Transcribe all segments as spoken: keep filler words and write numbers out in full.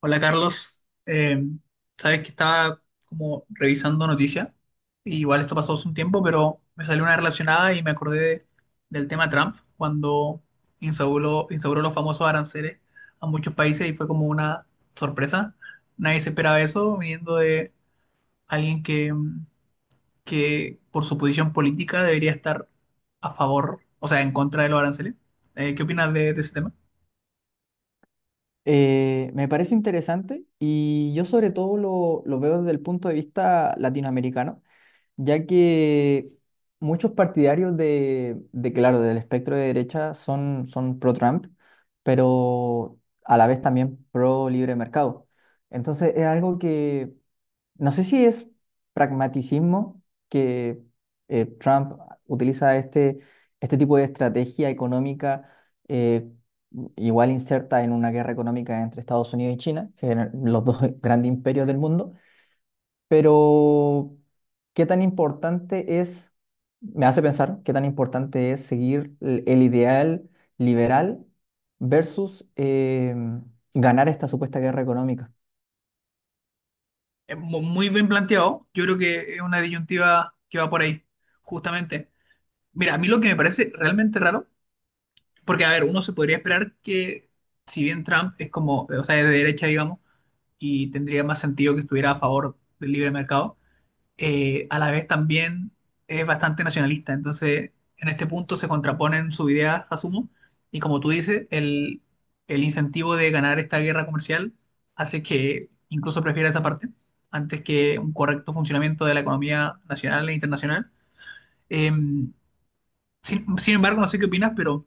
Hola Carlos. Eh, sabes que estaba como revisando noticias, y igual esto pasó hace un tiempo, pero me salió una relacionada y me acordé de- del tema Trump cuando instauró, instauró los famosos aranceles a muchos países y fue como una sorpresa. Nadie se esperaba eso viniendo de alguien que, mm, que por su posición política debería estar a favor, o sea, en contra de los aranceles. Eh, ¿qué opinas de, de ese tema? Eh, me parece interesante y yo sobre todo lo, lo veo desde el punto de vista latinoamericano, ya que muchos partidarios de, de, claro, del espectro de derecha son, son pro-Trump, pero a la vez también pro-libre mercado. Entonces es algo que no sé si es pragmaticismo que eh, Trump utiliza este, este tipo de estrategia económica, eh, igual inserta en una guerra económica entre Estados Unidos y China, que eran los dos grandes imperios del mundo, pero qué tan importante es, me hace pensar, qué tan importante es seguir el, el ideal liberal versus eh, ganar esta supuesta guerra económica. Es mu- muy bien planteado. Yo creo que es una disyuntiva que va por ahí, justamente. Mira, a mí lo que me parece realmente raro, porque a ver, uno se podría esperar que, si bien Trump es como, o sea, es de derecha, digamos, y tendría más sentido que estuviera a favor del libre mercado, eh, a la vez también es bastante nacionalista. Entonces, en este punto se contraponen sus ideas, asumo, y como tú dices, el, el incentivo de ganar esta guerra comercial hace que incluso prefiera esa parte antes que un correcto funcionamiento de la economía nacional e internacional. Eh, sin, Sin embargo, no sé qué opinas, pero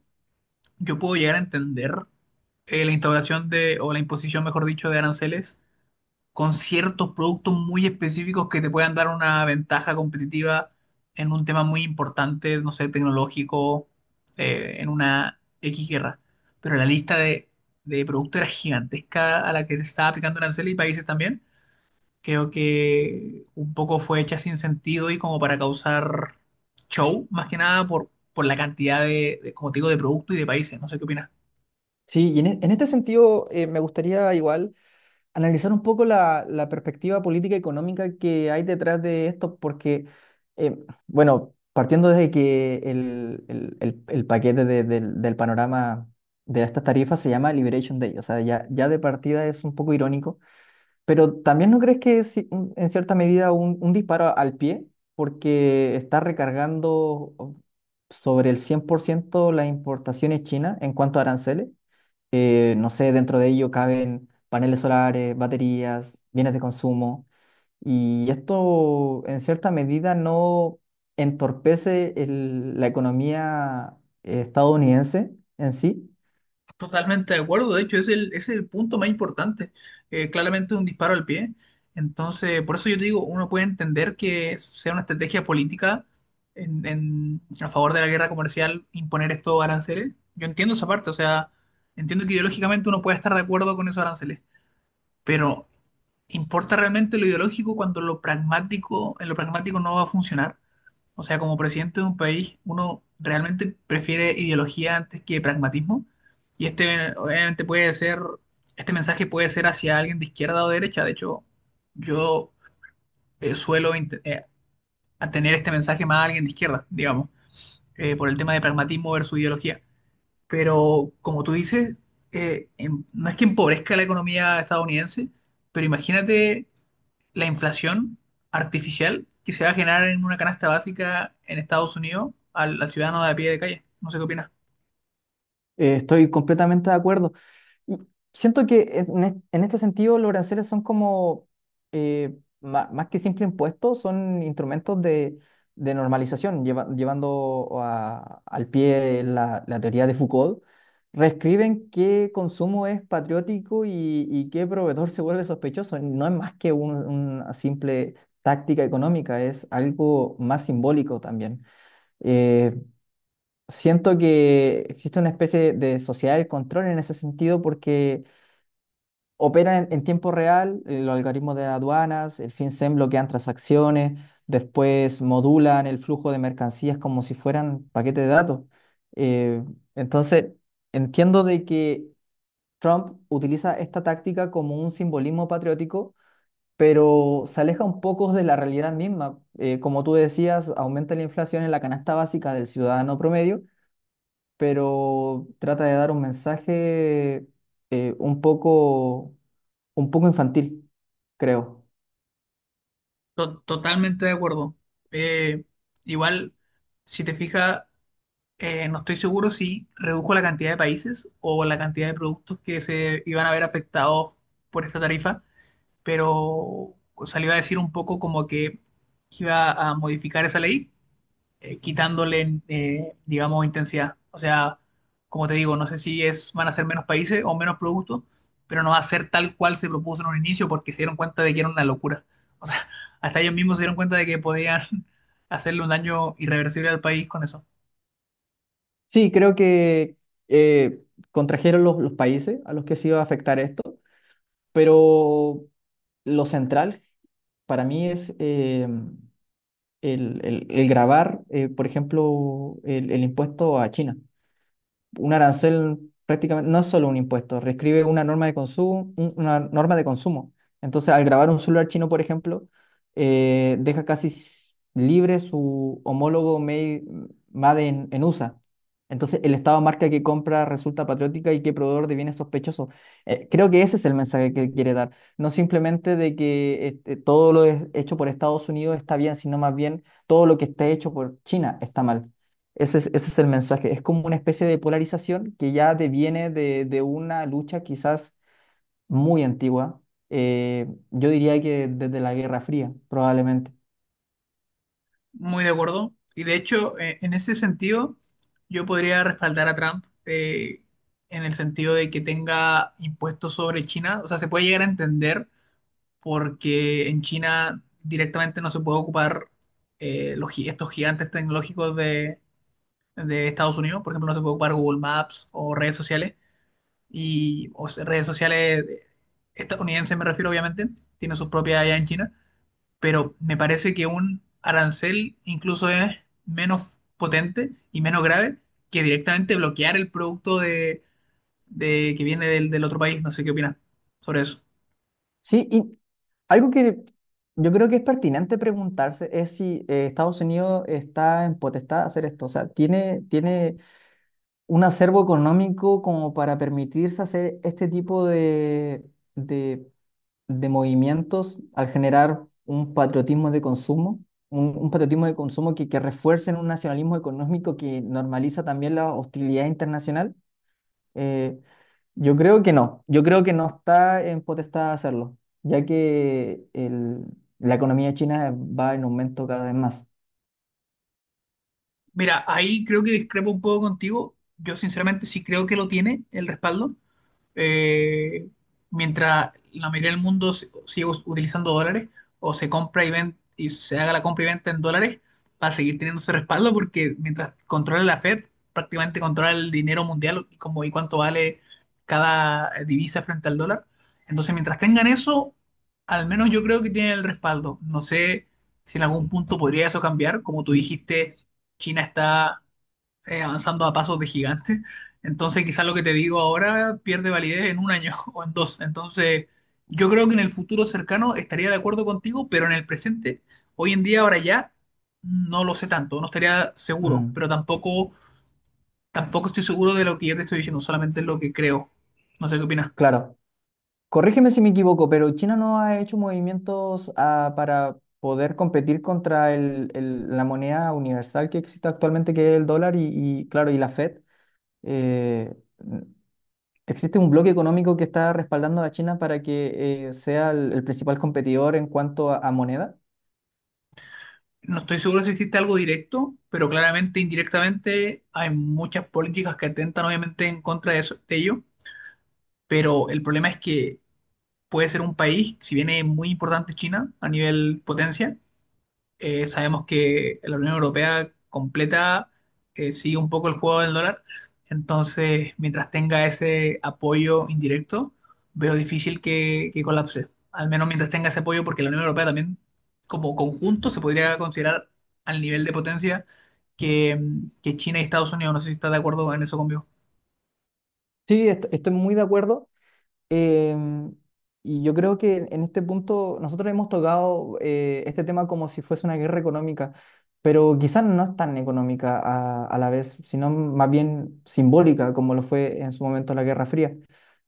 yo puedo llegar a entender eh, la instauración de, o la imposición, mejor dicho, de aranceles con ciertos productos muy específicos que te puedan dar una ventaja competitiva en un tema muy importante, no sé, tecnológico, eh, en una X guerra. Pero la lista de, de productos era gigantesca a la que le estaba aplicando arancel y países también. Creo que un poco fue hecha sin sentido y como para causar show, más que nada por, por la cantidad de, de, como te digo, de producto y de países. No sé qué opinas. Sí, y en, e- en este sentido eh, me gustaría igual analizar un poco la, la perspectiva política y económica que hay detrás de esto, porque, eh, bueno, partiendo desde que el, el- el- el paquete de- del, del panorama de estas tarifas se llama Liberation Day, o sea, ya, ya de partida es un poco irónico, pero también, ¿no crees que es en cierta medida un, un disparo al pie, porque está recargando oh, sobre el cien por ciento las importaciones chinas en cuanto a aranceles? Eh, no sé, dentro de ello caben paneles solares, baterías, bienes de consumo, y esto en cierta medida no entorpece el- la economía eh, estadounidense en sí. Totalmente de acuerdo, de hecho es el, es el punto más importante. Eh, claramente un disparo al pie, entonces por eso yo te digo, uno puede entender que sea una estrategia política en, en- a favor de la guerra comercial imponer estos aranceles, yo entiendo esa parte, o sea, entiendo que ideológicamente uno puede estar de acuerdo con esos aranceles, pero ¿importa realmente lo ideológico cuando lo pragmático, en lo pragmático no va a funcionar? O sea, como presidente de un país, uno realmente prefiere ideología antes que pragmatismo. Y este, obviamente, puede ser, este mensaje puede ser hacia alguien de izquierda o de derecha. De hecho, yo eh, suelo int- eh, a tener este mensaje más a alguien de izquierda, digamos, eh, por el tema de pragmatismo versus ideología. Pero, como tú dices, eh, em- no es que empobrezca la economía estadounidense, pero imagínate la inflación artificial que se va a generar en una canasta básica en Estados Unidos al, al ciudadano de a pie de calle. No sé qué opinas. Eh, estoy completamente de acuerdo. Y siento que en, es- en este sentido los aranceles son como, eh, ma- más que simple impuestos, son instrumentos de, de normalización, lleva- llevando a- al pie la, la teoría de Foucault. Reescriben qué consumo es patriótico y, y qué proveedor se vuelve sospechoso. No es más que un- una simple táctica económica, es algo más simbólico también. Eh, Siento que existe una especie de sociedad del control en ese sentido, porque operan en, en tiempo real, eh, los algoritmos de aduanas, el FinCEN bloquean transacciones, después modulan el flujo de mercancías como si fueran paquetes de datos. Eh, entonces, entiendo de que Trump utiliza esta táctica como un simbolismo patriótico, pero se aleja un poco de la realidad misma. Eh, como tú decías, aumenta la inflación en la canasta básica del ciudadano promedio, pero trata de dar un mensaje eh, un poco, un poco infantil, creo. To- totalmente de acuerdo. Eh, Igual, si te fijas, eh, no estoy seguro si redujo la cantidad de países o la cantidad de productos que se iban a ver afectados por esta tarifa, pero salió a decir un poco como que iba a modificar esa ley eh, quitándole, eh, digamos, intensidad. O sea, como te digo, no sé si es, van a ser menos países o menos productos, pero no va a ser tal cual se propuso en un inicio porque se dieron cuenta de que era una locura. O sea, hasta ellos mismos se dieron cuenta de que podían hacerle un daño irreversible al país con eso. Sí, creo que eh, contrajeron los, los países a los que se iba a afectar esto, pero lo central para mí es eh, el, el- el grabar, eh, por ejemplo, el, el impuesto a China. Un arancel prácticamente no es solo un impuesto, reescribe una norma de consumo, un- una norma de consumo. Entonces, al grabar un celular chino, por ejemplo, eh, deja casi s- libre su homólogo made, made en, en U S A. Entonces, el Estado marca que compra resulta patriótica y que proveedor de bienes sospechosos. Eh, creo que ese es el mensaje que quiere dar. No simplemente de que este, todo lo es- hecho por Estados Unidos está bien, sino más bien todo lo que esté hecho por China está mal. Ese es, ese es el mensaje. Es como una especie de polarización que ya deviene de, de una lucha quizás muy antigua. Eh, yo diría que desde la Guerra Fría, probablemente. Muy de acuerdo. Y de hecho, eh, en ese sentido, yo podría respaldar a Trump eh, en el sentido de que tenga impuestos sobre China. O sea, se puede llegar a entender porque en China directamente no se puede ocupar eh, los, gi- estos gigantes tecnológicos de, de Estados Unidos, por ejemplo, no se puede ocupar Google Maps o redes sociales, y, o sea, redes sociales estadounidenses me refiero obviamente, tiene sus propias allá en China, pero me parece que un arancel incluso es menos potente y menos grave que directamente bloquear el producto de, de- que viene del, del otro país, no sé qué opinas sobre eso. Sí, y algo que yo creo que es pertinente preguntarse es si eh, Estados Unidos está en potestad de hacer esto. O sea, ¿tiene, tiene un acervo económico como para permitirse hacer este tipo de, de de movimientos, al generar un patriotismo de consumo, un, un patriotismo de consumo que, que refuerce un nacionalismo económico que normaliza también la hostilidad internacional? Eh, yo creo que no, yo creo que no está en potestad hacerlo, ya que el- la economía china va en aumento cada vez más. Mira, ahí creo que discrepo un poco contigo. Yo sinceramente sí creo que lo tiene el respaldo, eh, mientras la mayoría del mundo si- siga us- utilizando dólares o se compra y ven- y se haga la compra y venta en dólares, va a seguir teniendo ese respaldo porque mientras controla la Fed, prácticamente controla el dinero mundial y, como, y cuánto vale cada eh, divisa frente al dólar. Entonces, mientras tengan eso, al menos yo creo que tienen el respaldo. No sé si en algún punto podría eso cambiar. Como tú dijiste, China está eh, avanzando a pasos de gigante. Entonces, quizás lo que te digo ahora pierde validez en un año o en dos. Entonces, yo creo que en el futuro cercano estaría de acuerdo contigo, pero en el presente, hoy en día, ahora ya, no lo sé tanto, no estaría seguro, Mm, pero tampoco, tampoco estoy seguro de lo que yo te estoy diciendo, solamente es lo que creo. No sé qué opinas. claro. Corrígeme si me equivoco, pero China no ha hecho movimientos, ah, para poder competir contra el- el- la moneda universal que existe actualmente, que es el dólar, y, y, claro, y la Fed. Eh, n- Existe un bloque económico que está respaldando a China para que eh, sea el, el principal competidor en cuanto a, a moneda. No estoy seguro si existe algo directo, pero claramente indirectamente hay muchas políticas que atentan obviamente en contra de, eso- de ello, pero el problema es que puede ser un país, si bien es muy importante China a nivel potencia, eh, sabemos que la Unión Europea completa eh, sigue un poco el juego del dólar, entonces mientras tenga ese apoyo indirecto, veo difícil que, que colapse, al menos mientras tenga ese apoyo, porque la Unión Europea también como conjunto se podría considerar al nivel de potencia que, que China y Estados Unidos, no sé si está de acuerdo en eso conmigo. Sí, est- estoy muy de acuerdo. Em, y yo creo que en este punto nosotros hemos tocado eh, este tema como si fuese una guerra económica, pero quizás no es tan económica a, a la vez, sino más bien simbólica, como lo fue en su momento la Guerra Fría.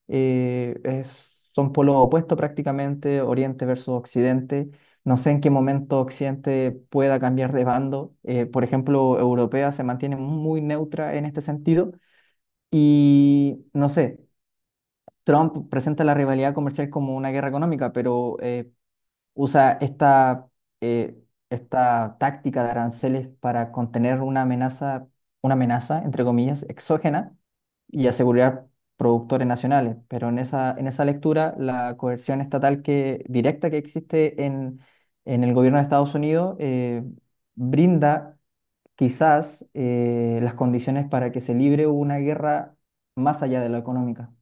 Eh, es- son polos opuestos prácticamente, Oriente versus Occidente. No sé en qué momento Occidente pueda cambiar de bando. Eh, por ejemplo, Europea se mantiene muy neutra en este sentido. Y no sé, Trump presenta la rivalidad comercial como una guerra económica, pero eh, usa esta, eh, esta táctica de aranceles para contener una amenaza, una amenaza, entre comillas, exógena, y asegurar productores nacionales. Pero en esa, en esa lectura, la coerción estatal que, directa, que existe en, en el gobierno de Estados Unidos, eh, brinda quizás eh, las condiciones para que se libre una guerra más allá de lo económica.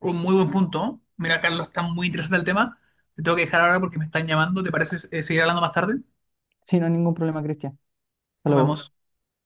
Un muy buen punto. Mira, Carlos, está muy interesante el tema. Te tengo que dejar ahora porque me están llamando. ¿Te parece eh, seguir hablando más tarde? Sí, no hay ningún problema, Cristian. Nos Hola. vemos.